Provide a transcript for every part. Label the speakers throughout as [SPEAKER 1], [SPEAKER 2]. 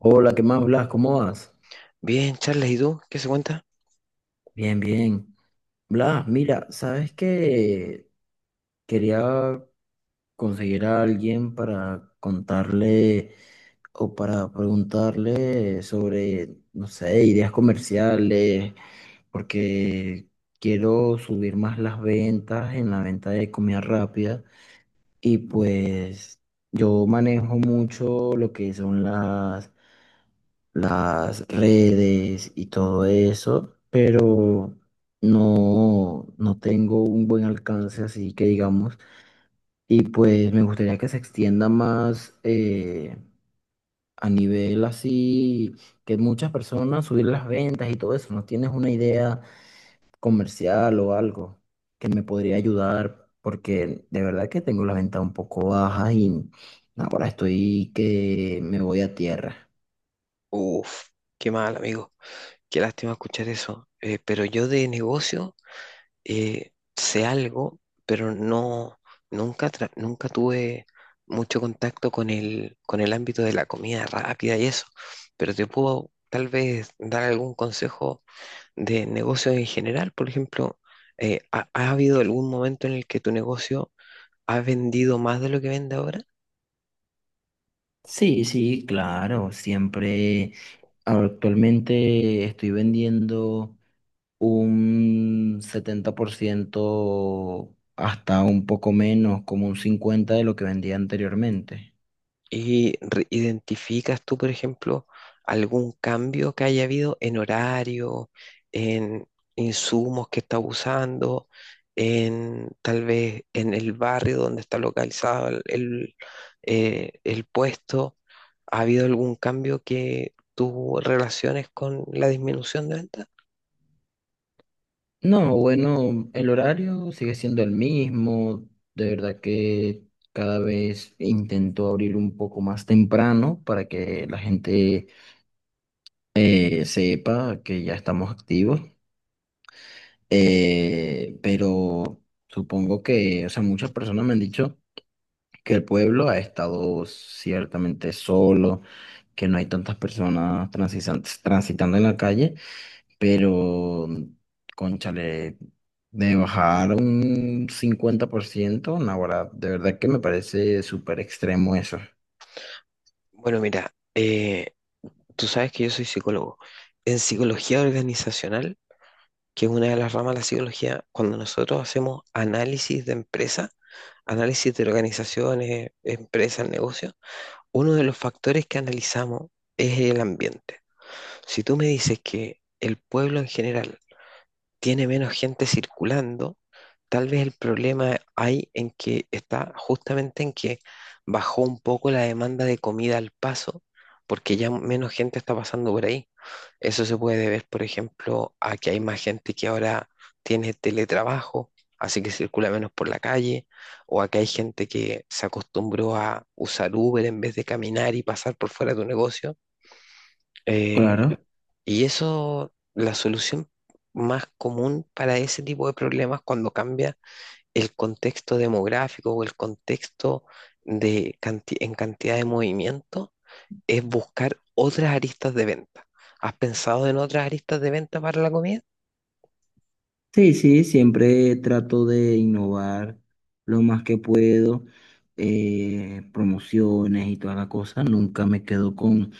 [SPEAKER 1] Hola, ¿qué más, Blas? ¿Cómo vas?
[SPEAKER 2] Bien, Charles, ¿y tú? ¿Qué se cuenta?
[SPEAKER 1] Bien, bien. Blas, mira, ¿sabes qué? Quería conseguir a alguien para contarle o para preguntarle sobre, no sé, ideas comerciales, porque quiero subir más las ventas en la venta de comida rápida y pues yo manejo mucho lo que son las redes y todo eso, pero no tengo un buen alcance, así que digamos, y pues me gustaría que se extienda más a nivel así, que muchas personas subir las ventas y todo eso. ¿No tienes una idea comercial o algo que me podría ayudar? Porque de verdad que tengo la venta un poco baja y ahora estoy que me voy a tierra.
[SPEAKER 2] Uf, qué mal, amigo. Qué lástima escuchar eso. Pero yo de negocio sé algo, pero no, nunca, nunca tuve mucho contacto con con el ámbito de la comida rápida y eso. Pero te puedo tal vez dar algún consejo de negocios en general. Por ejemplo, ha habido algún momento en el que tu negocio ha vendido más de lo que vende ahora?
[SPEAKER 1] Sí, sí, claro, siempre. Actualmente estoy vendiendo un 70%, hasta un poco menos, como un 50% de lo que vendía anteriormente.
[SPEAKER 2] ¿Y identificas tú, por ejemplo, algún cambio que haya habido en horario, en insumos que estás usando, en tal vez en el barrio donde está localizado el puesto? ¿Ha habido algún cambio que tú relaciones con la disminución de ventas?
[SPEAKER 1] No, bueno, el horario sigue siendo el mismo. De verdad que cada vez intento abrir un poco más temprano para que la gente sepa que ya estamos activos. Pero supongo que, o sea, muchas personas me han dicho que el pueblo ha estado ciertamente solo, que no hay tantas personas transitando en la calle, pero, cónchale, de bajar un 50%, naguará, de verdad que me parece súper extremo eso.
[SPEAKER 2] Bueno, mira, tú sabes que yo soy psicólogo. En psicología organizacional, que es una de las ramas de la psicología, cuando nosotros hacemos análisis de empresa, análisis de organizaciones, empresas, negocios, uno de los factores que analizamos es el ambiente. Si tú me dices que el pueblo en general tiene menos gente circulando, tal vez el problema hay en que está justamente en que bajó un poco la demanda de comida al paso, porque ya menos gente está pasando por ahí. Eso se puede ver, por ejemplo, a que hay más gente que ahora tiene teletrabajo, así que circula menos por la calle, o a que hay gente que se acostumbró a usar Uber en vez de caminar y pasar por fuera de un negocio. Eh,
[SPEAKER 1] Claro.
[SPEAKER 2] y eso, la solución más común para ese tipo de problemas cuando cambia el contexto demográfico o el contexto en cantidad de movimiento es buscar otras aristas de venta. ¿Has pensado en otras aristas de venta para la comida?
[SPEAKER 1] Sí, sí, siempre trato de innovar lo más que puedo, promociones y toda la cosa. Nunca me quedo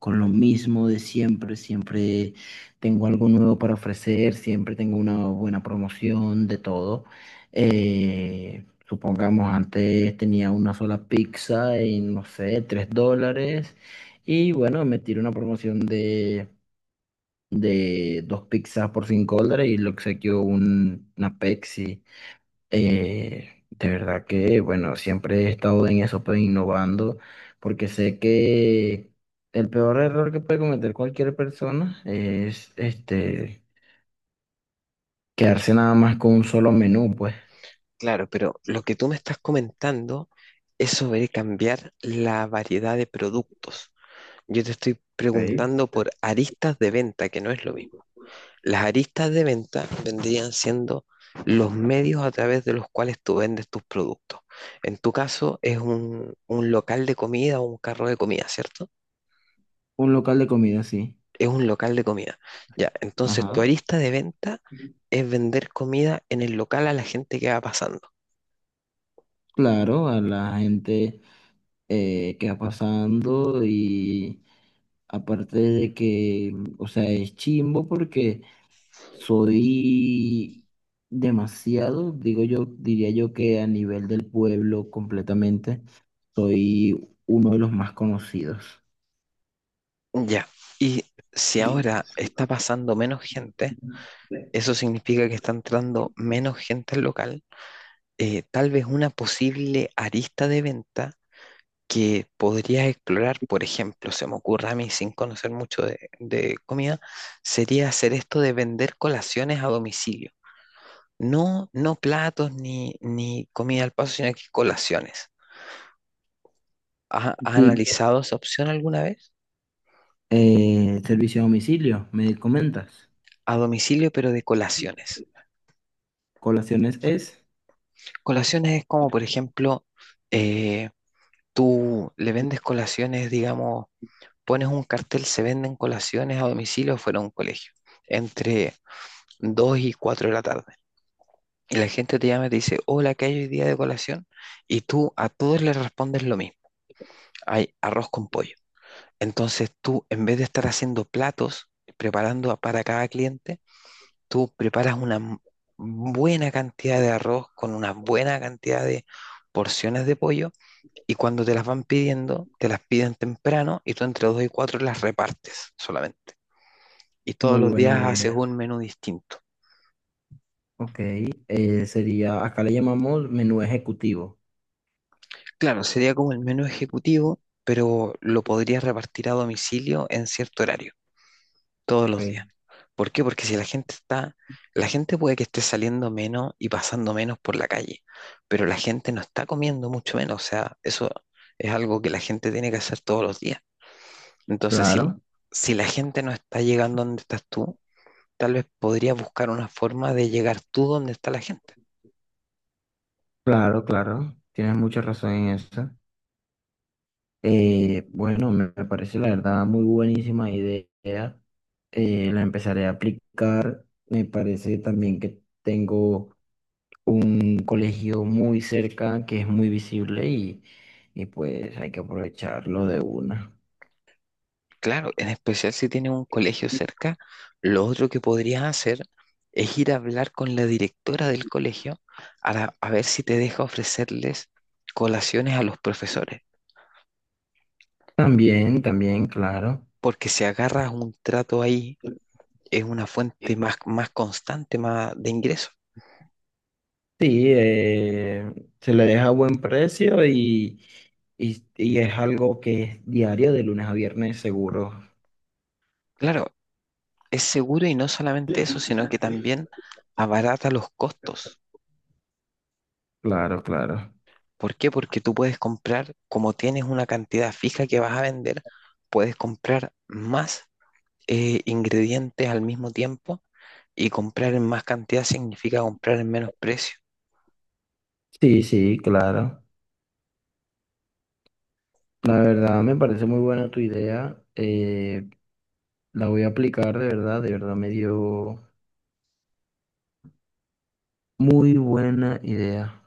[SPEAKER 1] con lo mismo de siempre. Siempre tengo algo nuevo para ofrecer, siempre tengo una buena promoción de todo. Supongamos, antes tenía una sola pizza en, no sé, $3. Y bueno, me tiré una promoción de dos pizzas por $5 y le obsequió un, una Pepsi. De verdad que, bueno, siempre he estado en eso, pues innovando, porque sé que el peor error que puede cometer cualquier persona es este, quedarse nada más con un solo menú, pues.
[SPEAKER 2] Claro, pero lo que tú me estás comentando es sobre cambiar la variedad de productos. Yo te estoy
[SPEAKER 1] Ok.
[SPEAKER 2] preguntando por aristas de venta, que no es lo mismo. Las aristas de venta vendrían siendo los medios a través de los cuales tú vendes tus productos. En tu caso es un local de comida o un carro de comida, ¿cierto?
[SPEAKER 1] Un local de comida, sí.
[SPEAKER 2] Es un local de comida. Ya, entonces tu
[SPEAKER 1] Ajá.
[SPEAKER 2] arista de venta es vender comida en el local a la gente que va pasando.
[SPEAKER 1] Claro, a la gente que va pasando y aparte de que, o sea, es chimbo porque soy demasiado, digo yo, diría yo que a nivel del pueblo completamente, soy uno de los más conocidos.
[SPEAKER 2] Ya, y si
[SPEAKER 1] Sí,
[SPEAKER 2] ahora
[SPEAKER 1] sí.
[SPEAKER 2] está pasando menos gente, eso significa que está entrando menos gente al local. Tal vez una posible arista de venta que podrías explorar, por ejemplo, se me ocurre a mí sin conocer mucho de comida, sería hacer esto de vender colaciones a domicilio. No, no platos ni comida al paso, sino que colaciones. ¿Has
[SPEAKER 1] Tipo,
[SPEAKER 2] analizado esa opción alguna vez?
[SPEAKER 1] servicio a domicilio, me comentas.
[SPEAKER 2] A domicilio, pero de colaciones.
[SPEAKER 1] Colaciones es
[SPEAKER 2] Colaciones es como, por ejemplo, eh, tú le vendes colaciones, digamos, pones un cartel, se venden colaciones a domicilio fuera de un colegio, entre 2 y 4 de la tarde. Y la gente te llama y te dice, hola, ¿qué hay hoy día de colación? Y tú a todos les respondes lo mismo, hay arroz con pollo. Entonces tú, en vez de estar haciendo platos, preparando para cada cliente, tú preparas buena cantidad de arroz con una buena cantidad de porciones de pollo y cuando te las van pidiendo, te las piden temprano y tú entre dos y cuatro las repartes solamente. Y todos
[SPEAKER 1] muy
[SPEAKER 2] los
[SPEAKER 1] buena
[SPEAKER 2] días haces
[SPEAKER 1] idea.
[SPEAKER 2] un menú distinto.
[SPEAKER 1] Ok, sería, acá le llamamos menú ejecutivo.
[SPEAKER 2] Claro, sería como el menú ejecutivo, pero lo podrías repartir a domicilio en cierto horario, todos los días.
[SPEAKER 1] Ok,
[SPEAKER 2] ¿Por qué? Porque si la gente está, la gente puede que esté saliendo menos y pasando menos por la calle, pero la gente no está comiendo mucho menos. O sea, eso es algo que la gente tiene que hacer todos los días. Entonces, si,
[SPEAKER 1] claro,
[SPEAKER 2] si la gente no está llegando donde estás tú, tal vez podrías buscar una forma de llegar tú donde está la gente.
[SPEAKER 1] claro, claro. Tienes mucha razón en eso. Bueno, me parece la verdad muy buenísima idea. La empezaré a aplicar. Me parece también que tengo un colegio muy cerca que es muy visible y pues hay que aprovecharlo de una.
[SPEAKER 2] Claro, en especial si tienes un colegio cerca, lo otro que podrías hacer es ir a hablar con la directora del colegio a, a ver si te deja ofrecerles colaciones a los profesores,
[SPEAKER 1] También, también, claro.
[SPEAKER 2] porque si agarras un trato ahí es una fuente más, más constante más de ingresos.
[SPEAKER 1] Sí, se le deja a buen precio y es algo que es diario de lunes a viernes seguro.
[SPEAKER 2] Claro, es seguro y no solamente eso, sino que también abarata los costos.
[SPEAKER 1] Claro, claro.
[SPEAKER 2] ¿Por qué? Porque tú puedes comprar, como tienes una cantidad fija que vas a vender, puedes comprar más ingredientes al mismo tiempo y comprar en más cantidad significa comprar en menos precio.
[SPEAKER 1] Sí, sí, claro. La verdad me parece muy buena tu idea. La voy a aplicar de verdad me dio muy buena idea.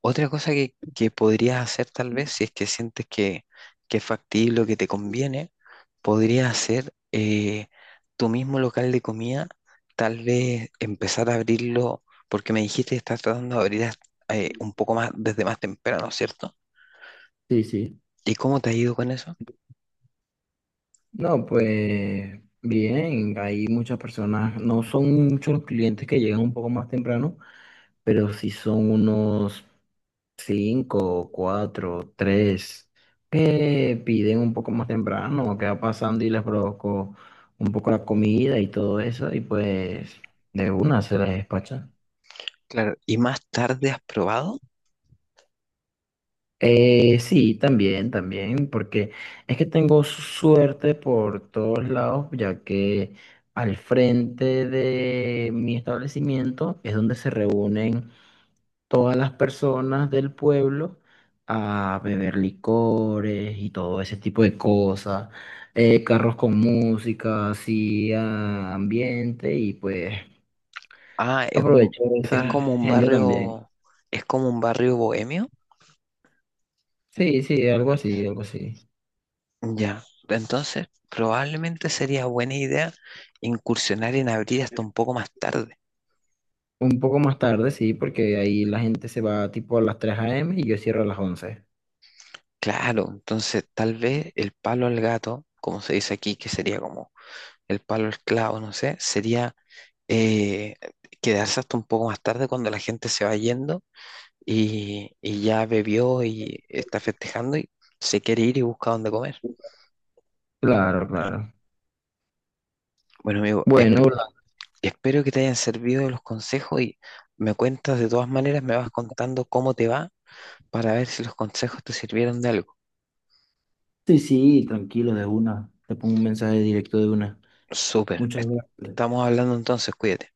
[SPEAKER 2] Otra cosa que podrías hacer tal vez, si es que sientes que es factible o que te conviene, podrías hacer tu mismo local de comida, tal vez empezar a abrirlo, porque me dijiste que estás tratando de abrir un poco más desde más temprano, ¿cierto?
[SPEAKER 1] Sí, sí.
[SPEAKER 2] ¿Y cómo te ha ido con eso?
[SPEAKER 1] No, pues bien, hay muchas personas, no son muchos los clientes que llegan un poco más temprano, pero sí son unos cinco, cuatro, tres, que piden un poco más temprano, que va pasando y les provocó un poco la comida y todo eso, y pues de una se les despachan.
[SPEAKER 2] Claro, ¿y más tarde has probado?
[SPEAKER 1] Sí, también, también, porque es que tengo suerte por todos lados, ya que al frente de mi establecimiento es donde se reúnen todas las personas del pueblo a beber licores y todo ese tipo de cosas, carros con música, así ah, ambiente y pues
[SPEAKER 2] Ah, es un,
[SPEAKER 1] aprovechar
[SPEAKER 2] es
[SPEAKER 1] esa
[SPEAKER 2] como un
[SPEAKER 1] gente también.
[SPEAKER 2] barrio, es como un barrio bohemio.
[SPEAKER 1] Sí, sí, algo así, algo así.
[SPEAKER 2] Ya. Entonces, probablemente sería buena idea incursionar en abrir hasta un poco más tarde.
[SPEAKER 1] Un poco más tarde, sí, porque ahí la gente se va tipo a las 3 a. m. y yo cierro a las 11.
[SPEAKER 2] Claro, entonces tal vez el palo al gato, como se dice aquí, que sería como el palo al clavo, no sé, sería eh, quedarse hasta un poco más tarde cuando la gente se va yendo y ya bebió y está festejando y se quiere ir y busca dónde comer.
[SPEAKER 1] Claro, claro.
[SPEAKER 2] Bueno, amigo,
[SPEAKER 1] Bueno, Orlando.
[SPEAKER 2] espero que te hayan servido los consejos y me cuentas de todas maneras, me vas contando cómo te va para ver si los consejos te sirvieron de algo.
[SPEAKER 1] Sí, sí, tranquilo, de una. Te pongo un mensaje directo de una.
[SPEAKER 2] Súper.
[SPEAKER 1] Muchas gracias.
[SPEAKER 2] Estamos hablando entonces, cuídate.